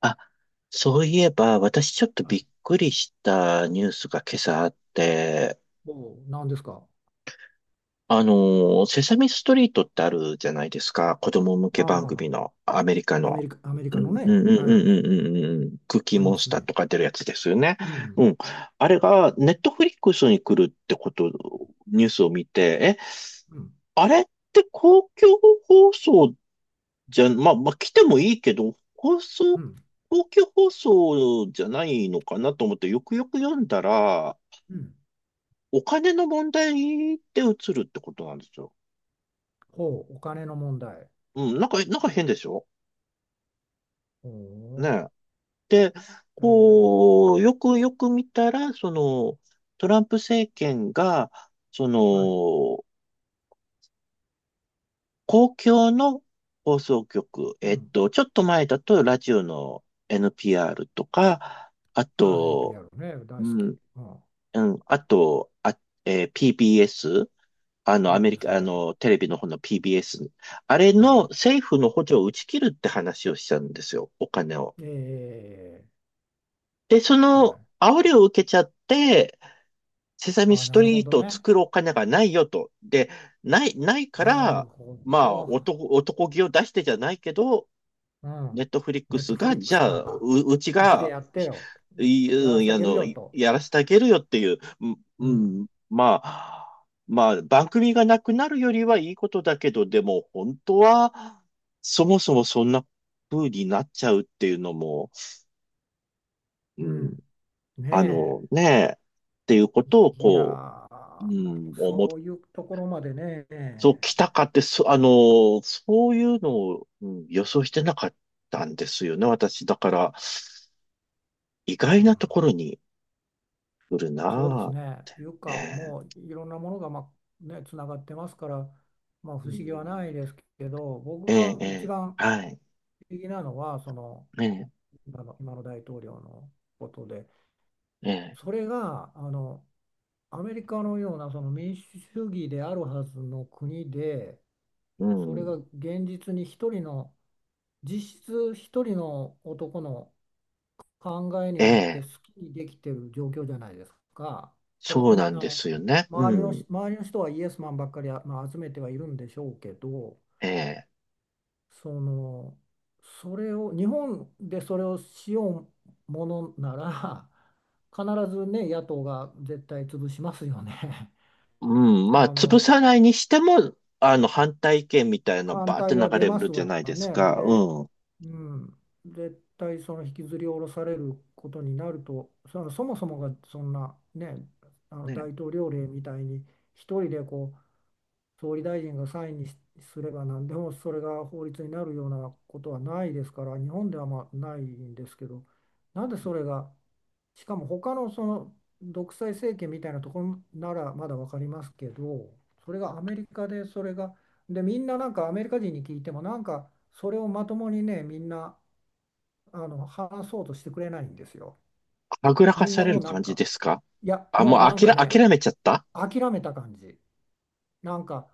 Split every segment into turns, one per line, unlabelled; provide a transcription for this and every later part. あ、そういえば、私ちょっと
は
び
い。
っくりしたニュースが今朝あって、
おう、何ですか。
あのセサミストリートってあるじゃないですか。子供向け番
あ
組の、アメリカ
あ、アメ
の。
リカ、アメリ
う
カの
んうん
ね、
うんうん
はい、
うんうんうん。クッキー
あり
モ
ま
ンス
す
ター
ね。
とか出るやつですよね。
うん、
うん。あれが、ネットフリックスに来るってこと、ニュースを見て、え、
うん、
あれって公共放送じゃ、まあ、来てもいいけど、放
う
送、
ん、
公共放送じゃないのかなと思って、よくよく読んだら、
うん。
お金の問題で移るってことなんですよ。
ほう、お金の問題。
うん、なんか変でしょね
ほ
え。で、
う、
こう、よくよく見たら、その、トランプ政権が、そ
はい、
の、公共の放送局、
うん。
ちょっと前だとラジオの NPR とか、あ
ああ、
と、
NPR ね、大
う
好き。
ん、
うん、
うん。あと、あ、PBS? アメリ
PBS、
カ、
は
あ
い、
の、テレビの方の PBS。あれ
は
の
い。
政府の補助を打ち切るって話をしたんですよ。お金を。
え
で、そ
は
の
い。
煽りを受けちゃって、セサ
あ
ミ
あ、
ス
な
ト
るほ
リー
ど
トを
ね。
作るお金がないよと。で、ないか
なる
ら、
ほ
まあ、
ど。
男気を出してじゃないけど、
う
ネ
ん。
ットフリック
ネット
ス
フ
が、
リック
じ
ス
ゃあ、
が、
うち
うちで
が、
やってよ。
い、
いやらして
う
あ
あ
げる
の、
よと。
やらせてあげるよっていう、
うん、
まあ、まあ、番組がなくなるよりはいいことだけど、でも、本当は、そもそもそんな風になっちゃうっていうのも、う
う
ん、
ん。ねえ。
ねえ、っていうことを、
いや
こう、う
ー、も
ん、
うそういうところまでね。
そう、来たかって、そういうのを、うん予想してなかったんですよね、私。だから、意外
うん、
なところにくる
そうで
な
す
ぁ。
ね、いう
え
か、
え、
もういろんなものが、まあね、つながってますから、まあ、
う
不思
ん、
議はないですけど、僕
ええ、
が
え
一
え、
番
はい。
不思議なのは、その
ええ、
今の、今の大統領のことで、
ええ、
それがアメリカのようなその民主主義であるはずの国で、
う
それが
ん。
現実に一人の、実質一人の男の考えに
え
よって
え、
好きにできてる状況じゃないですか。それ
そ
と
う
も、
なんですよね。うん。
周りの人はイエスマンばっかり、まあ、集めてはいるんでしょうけど、
ええ、
その、それを、日本でそれをしようものなら、必ずね、野党が絶対潰しますよね。
うん。まあ、
あ
潰
の、
さないにしても、あの、反対意見みたいなの
反
バーって
対
流
は出
れ
ま
る
す
じゃ
わ
ないです
ね。
か。
で、
うん。
うん、絶対その引きずり下ろされることになると、そのそもそもがそんなね、あ
ね
の大
え、
統領令みたいに一人で総理大臣がサインにしすれば何でもそれが法律になるようなことはないですから、日本ではまあないんですけど、なんでそれが、しかも他のその独裁政権みたいなところならまだ分かりますけど、それがアメリカでそれが、でみんななんかアメリカ人に聞いてもなんかそれをまともにね、みんな話そうとしてくれないんですよ。
はぐらか
みん
さ
な
れ
も
る
うなん
感じ
か、
ですか。
いや、
あ、
も
もう
う
あ
なん
き
か
ら、
ね、
諦めちゃった。
諦めた感じ。なんか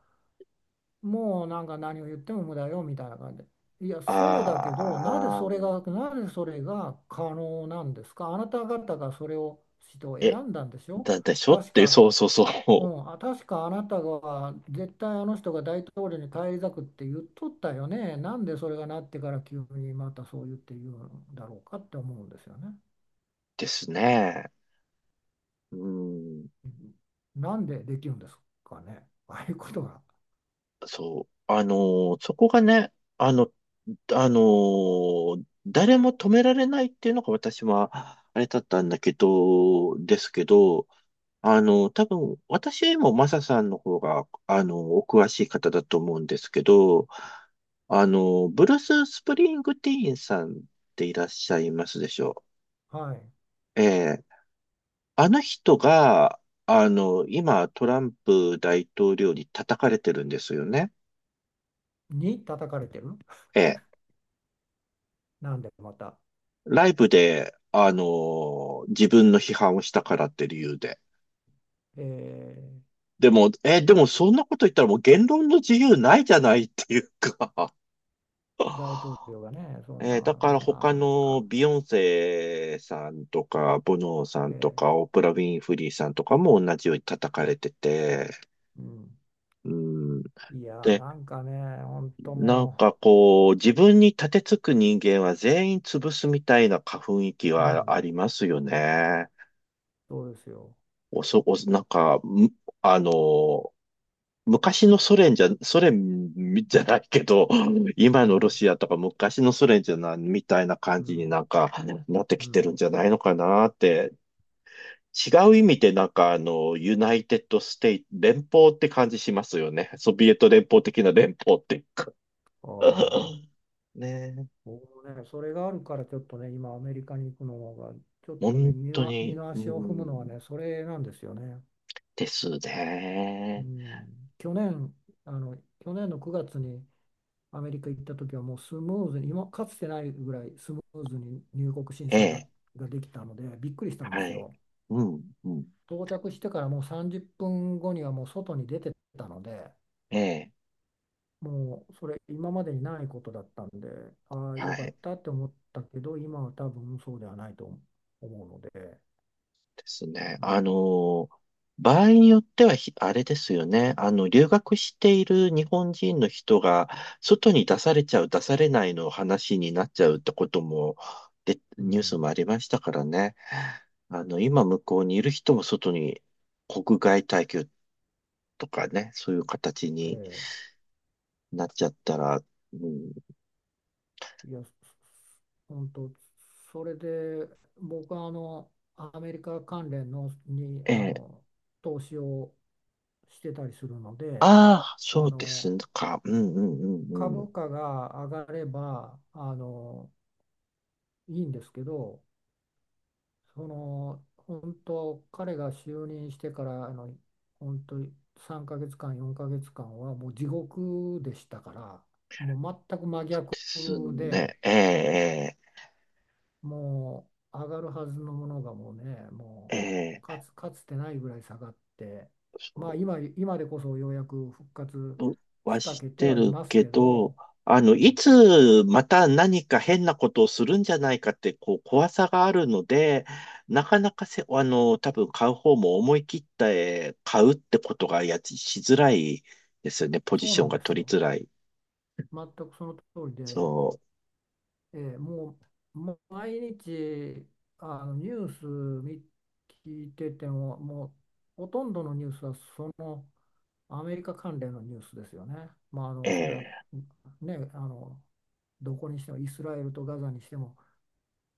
もうなんか何を言っても無駄よみたいな感じで。いや、そうだけど、なぜ
ああ
それ
ー、
が、なぜそれが可能なんですか。あなた方がそれを、人を選
え、
んだんでしょ。
だでしょっ
確
て、そ
か、
うそうそ
う
う。
ん、あ、確かあなたが絶対あの人が大統領に返り咲くって言っとったよね。なんでそれがなってから急にまたそう言って言うんだろうかって思うんですよね。
ですね。うん。
うん、なんでできるんですかね。ああいうことが。
そう。あのーそこがね、あの、あのー誰も止められないっていうのが私は、あれだったんだけど、ですけど、あの、多分、私よりもマサさんの方が、あの、お詳しい方だと思うんですけど、あの、ブルース・スプリングティーンさんっていらっしゃいますでしょ
はい。
う。ええ、あの人が、あの、今、トランプ大統領に叩かれてるんですよね。
に叩かれてる。
ええ、
なんでまた。
ライブで、あのー自分の批判をしたからって理由で。
えー
でも、え、でもそんなこと言ったらもう言論の自由ないじゃないっていうか。
大統領 がね、そん
え
な、
ーだか
も
ら
うな
他
ん
の
か、
ビヨンセさんとか、ボノーさんと
ええ、
か、オプラ・ウィンフリーさんとかも同じように叩かれてて、
うん、
うん。
いやー、
で、
なんかね、本当
なん
も
かこう、自分に立てつく人間は全員潰すみたいな雰囲気
う、う
はあ
ん、
りますよね。
そうですよ。
おそ、お、なんか、あの、昔のソ連じゃないけど、
う
今のロ
ん、
シアとか昔のソ連じゃないみたいな感
う
じに
ん、
なんかなって
う
きてる
ん。
んじゃないのかなって、違う意味でなんかあの、ユナイテッドステイ、連邦って感じしますよね。ソビエト連邦的な連邦っていうか。
ああ、
ねえ、
僕もね、それがあるから、ちょっとね、今、アメリカに行くのが、ちょっとね、
本
二
当
の、二
に、
の
う
足を踏むのは
ん、
ね、それなんですよね。
です
う
ね。
ん、去年、あの、去年の9月にアメリカ行った時は、もうスムーズに、今、かつてないぐらいスムーズに入国審
え
査だ、
え、
ができたので、びっくりしたんで
は
す
い。
よ。
うん、うん、
到着してからもう30分後にはもう外に出てたので、
ええ、
もうそれ今までにないことだったんで、ああ、
は
よかっ
い。
たって思ったけど、今は多分そうではないと思うので、
ですね。
う
あ
ん、
の、場合によってはあれですよね。あの、留学している日本人の人が、外に出されちゃう、出されないの話になっちゃうってことも、で、
う
ニュース
ん、
もありましたからね。あの、今向こうにいる人も外に、国外退去とかね、そういう形に
え
なっちゃったら、うん、
え、いや、本当、それで僕はアメリカ関連のに
ええ、
投資をしてたりするの
あ
で、
あ、
あ
そうです
の
か。うんうんうんうん。
株価が上がればいいんですけど、その本当彼が就任してから本当に3ヶ月間4ヶ月間はもう地獄でしたから、もう全く真
そうで
逆
す
で、
ね。ええ、
もう上がるはずのものがもうね、
ええ、
も
え
うか
え。
つ、かつてないぐらい下がって、
そ
まあ
う
今、今でこそようやく復活し
は
か
し
けて
て
はい
る
ます
け
け
ど、
ど、
あ
う
の、い
ん、
つまた何か変なことをするんじゃないかって、こう、怖さがあるので、なかなかせ、あの、多分買う方も思い切って買うってことがやつしづらいですよね。ポジ
そう
シ
な
ョン
ん
が
です
取り
よ、
づらい。
全くその通りで。
そ
もう、もう毎日ニュース見聞いてても、もうほとんどのニュースはそのアメリカ関連のニュースですよね。まあ、
う。
それは
ええ
ね、どこにしてもイスラエルとガザにしても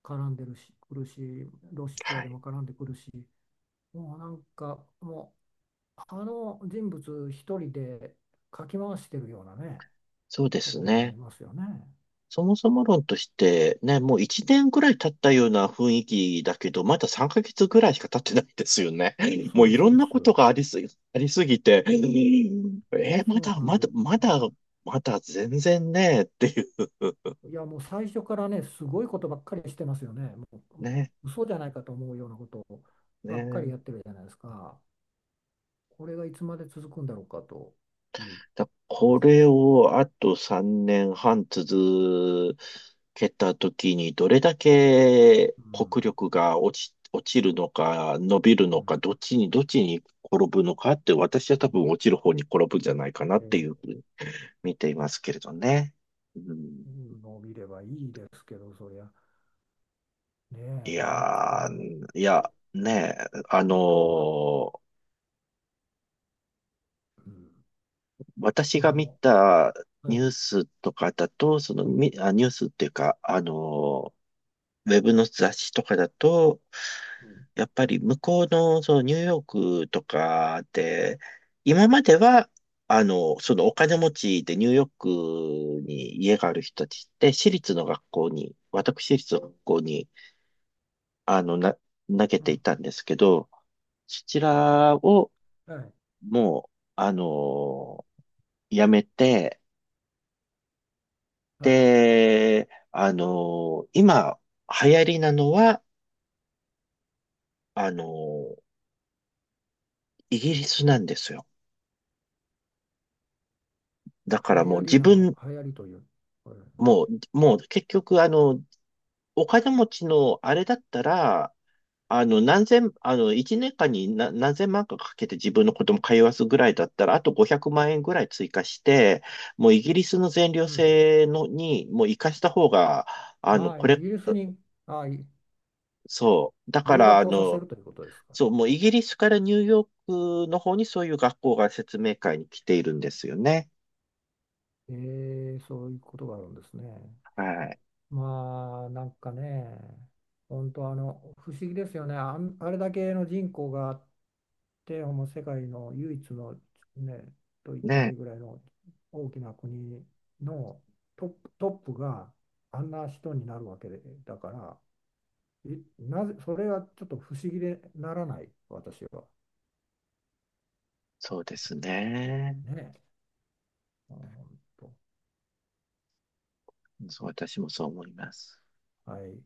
絡んでるし、くるし、ロシ
は
アで
い。
も絡んでくるし、もうなんかもうあの人物一人でかき回してるようなね、
そうで
と
す
ころがあり
ね。
ますよね。
そもそも論としてね、もう1年ぐらい経ったような雰囲気だけど、まだ3ヶ月ぐらいしか経ってないですよね。も
そ
う
う、
いろ
そ
ん
うで
な
す。
ことがありすぎ、ありすぎて、ま
そう
だ、
なん
ま
で
だ、
す。
まだ、まだ全然ね、っていう
いや、もう最初からね、すごいことばっかりしてますよね。もう
ね、
嘘じゃないかと思うようなことをばっかり
ね。
やってるじゃないですか。これがいつまで続くんだろうかという
だ
気が
こ
します。
れをあと3年半続けたときに、どれだけ
う
国
ん。
力が落ち、落ちるのか、伸びる
う
の
ん。
か、どっちに転ぶのかって、私は多分落ちる方に転ぶんじゃないかなっ
え
ていうふう
ー
に見ていますけれどね。うん、
伸びればいいですけど、そりゃ、ね
い
え、なんか
や
も
ー、い
う、
や、
いや、
ねえ、あの
本当、あ、
ー
うん、あ
私が見
の、
た
は
ニュー
い、
スとかだと、その、ニュースっていうか、あのーウェブの雑誌とかだと、
うん、
やっぱり向こうの、そのニューヨークとかで、今までは、あの、そのお金持ちでニューヨークに家がある人たちって、私立の学校に、あの、な、投げ
う
てい
ん、
たんですけど、そちらを
はい、
もう、あの、やめて、
は
で、あの、今、流行りなのは、あの、イギリスなんですよ。だから
い、流
もう
行り
自
なの、
分、
流行りという、これ、
もう結局、あの、お金持ちのあれだったら、あの、一年間に何千万かかけて自分の子供通わすぐらいだったら、あと500万円ぐらい追加して、もうイギリスの全寮
うん、
制のに、もう生かした方が、あの、
ああ、
こ
イ
れ、
ギリスに、ああ、
そう。だか
留
ら、あ
学をさせ
の、
るということですか。
そう、もうイギリスからニューヨークの方にそういう学校が説明会に来ているんですよね。
えそういうことがあるんですね。
はい。
まあ、なんかね、本当不思議ですよね。あれだけの人口があって、もう世界の唯一の、ね、と言ってもいい
ね。
ぐらいの大きな国のトップがあんな人になるわけで、だから、なぜ、それはちょっと不思議でならない、私は。
そうですね。
ねえ。うん、ほんと、
そう、私もそう思います。
はい。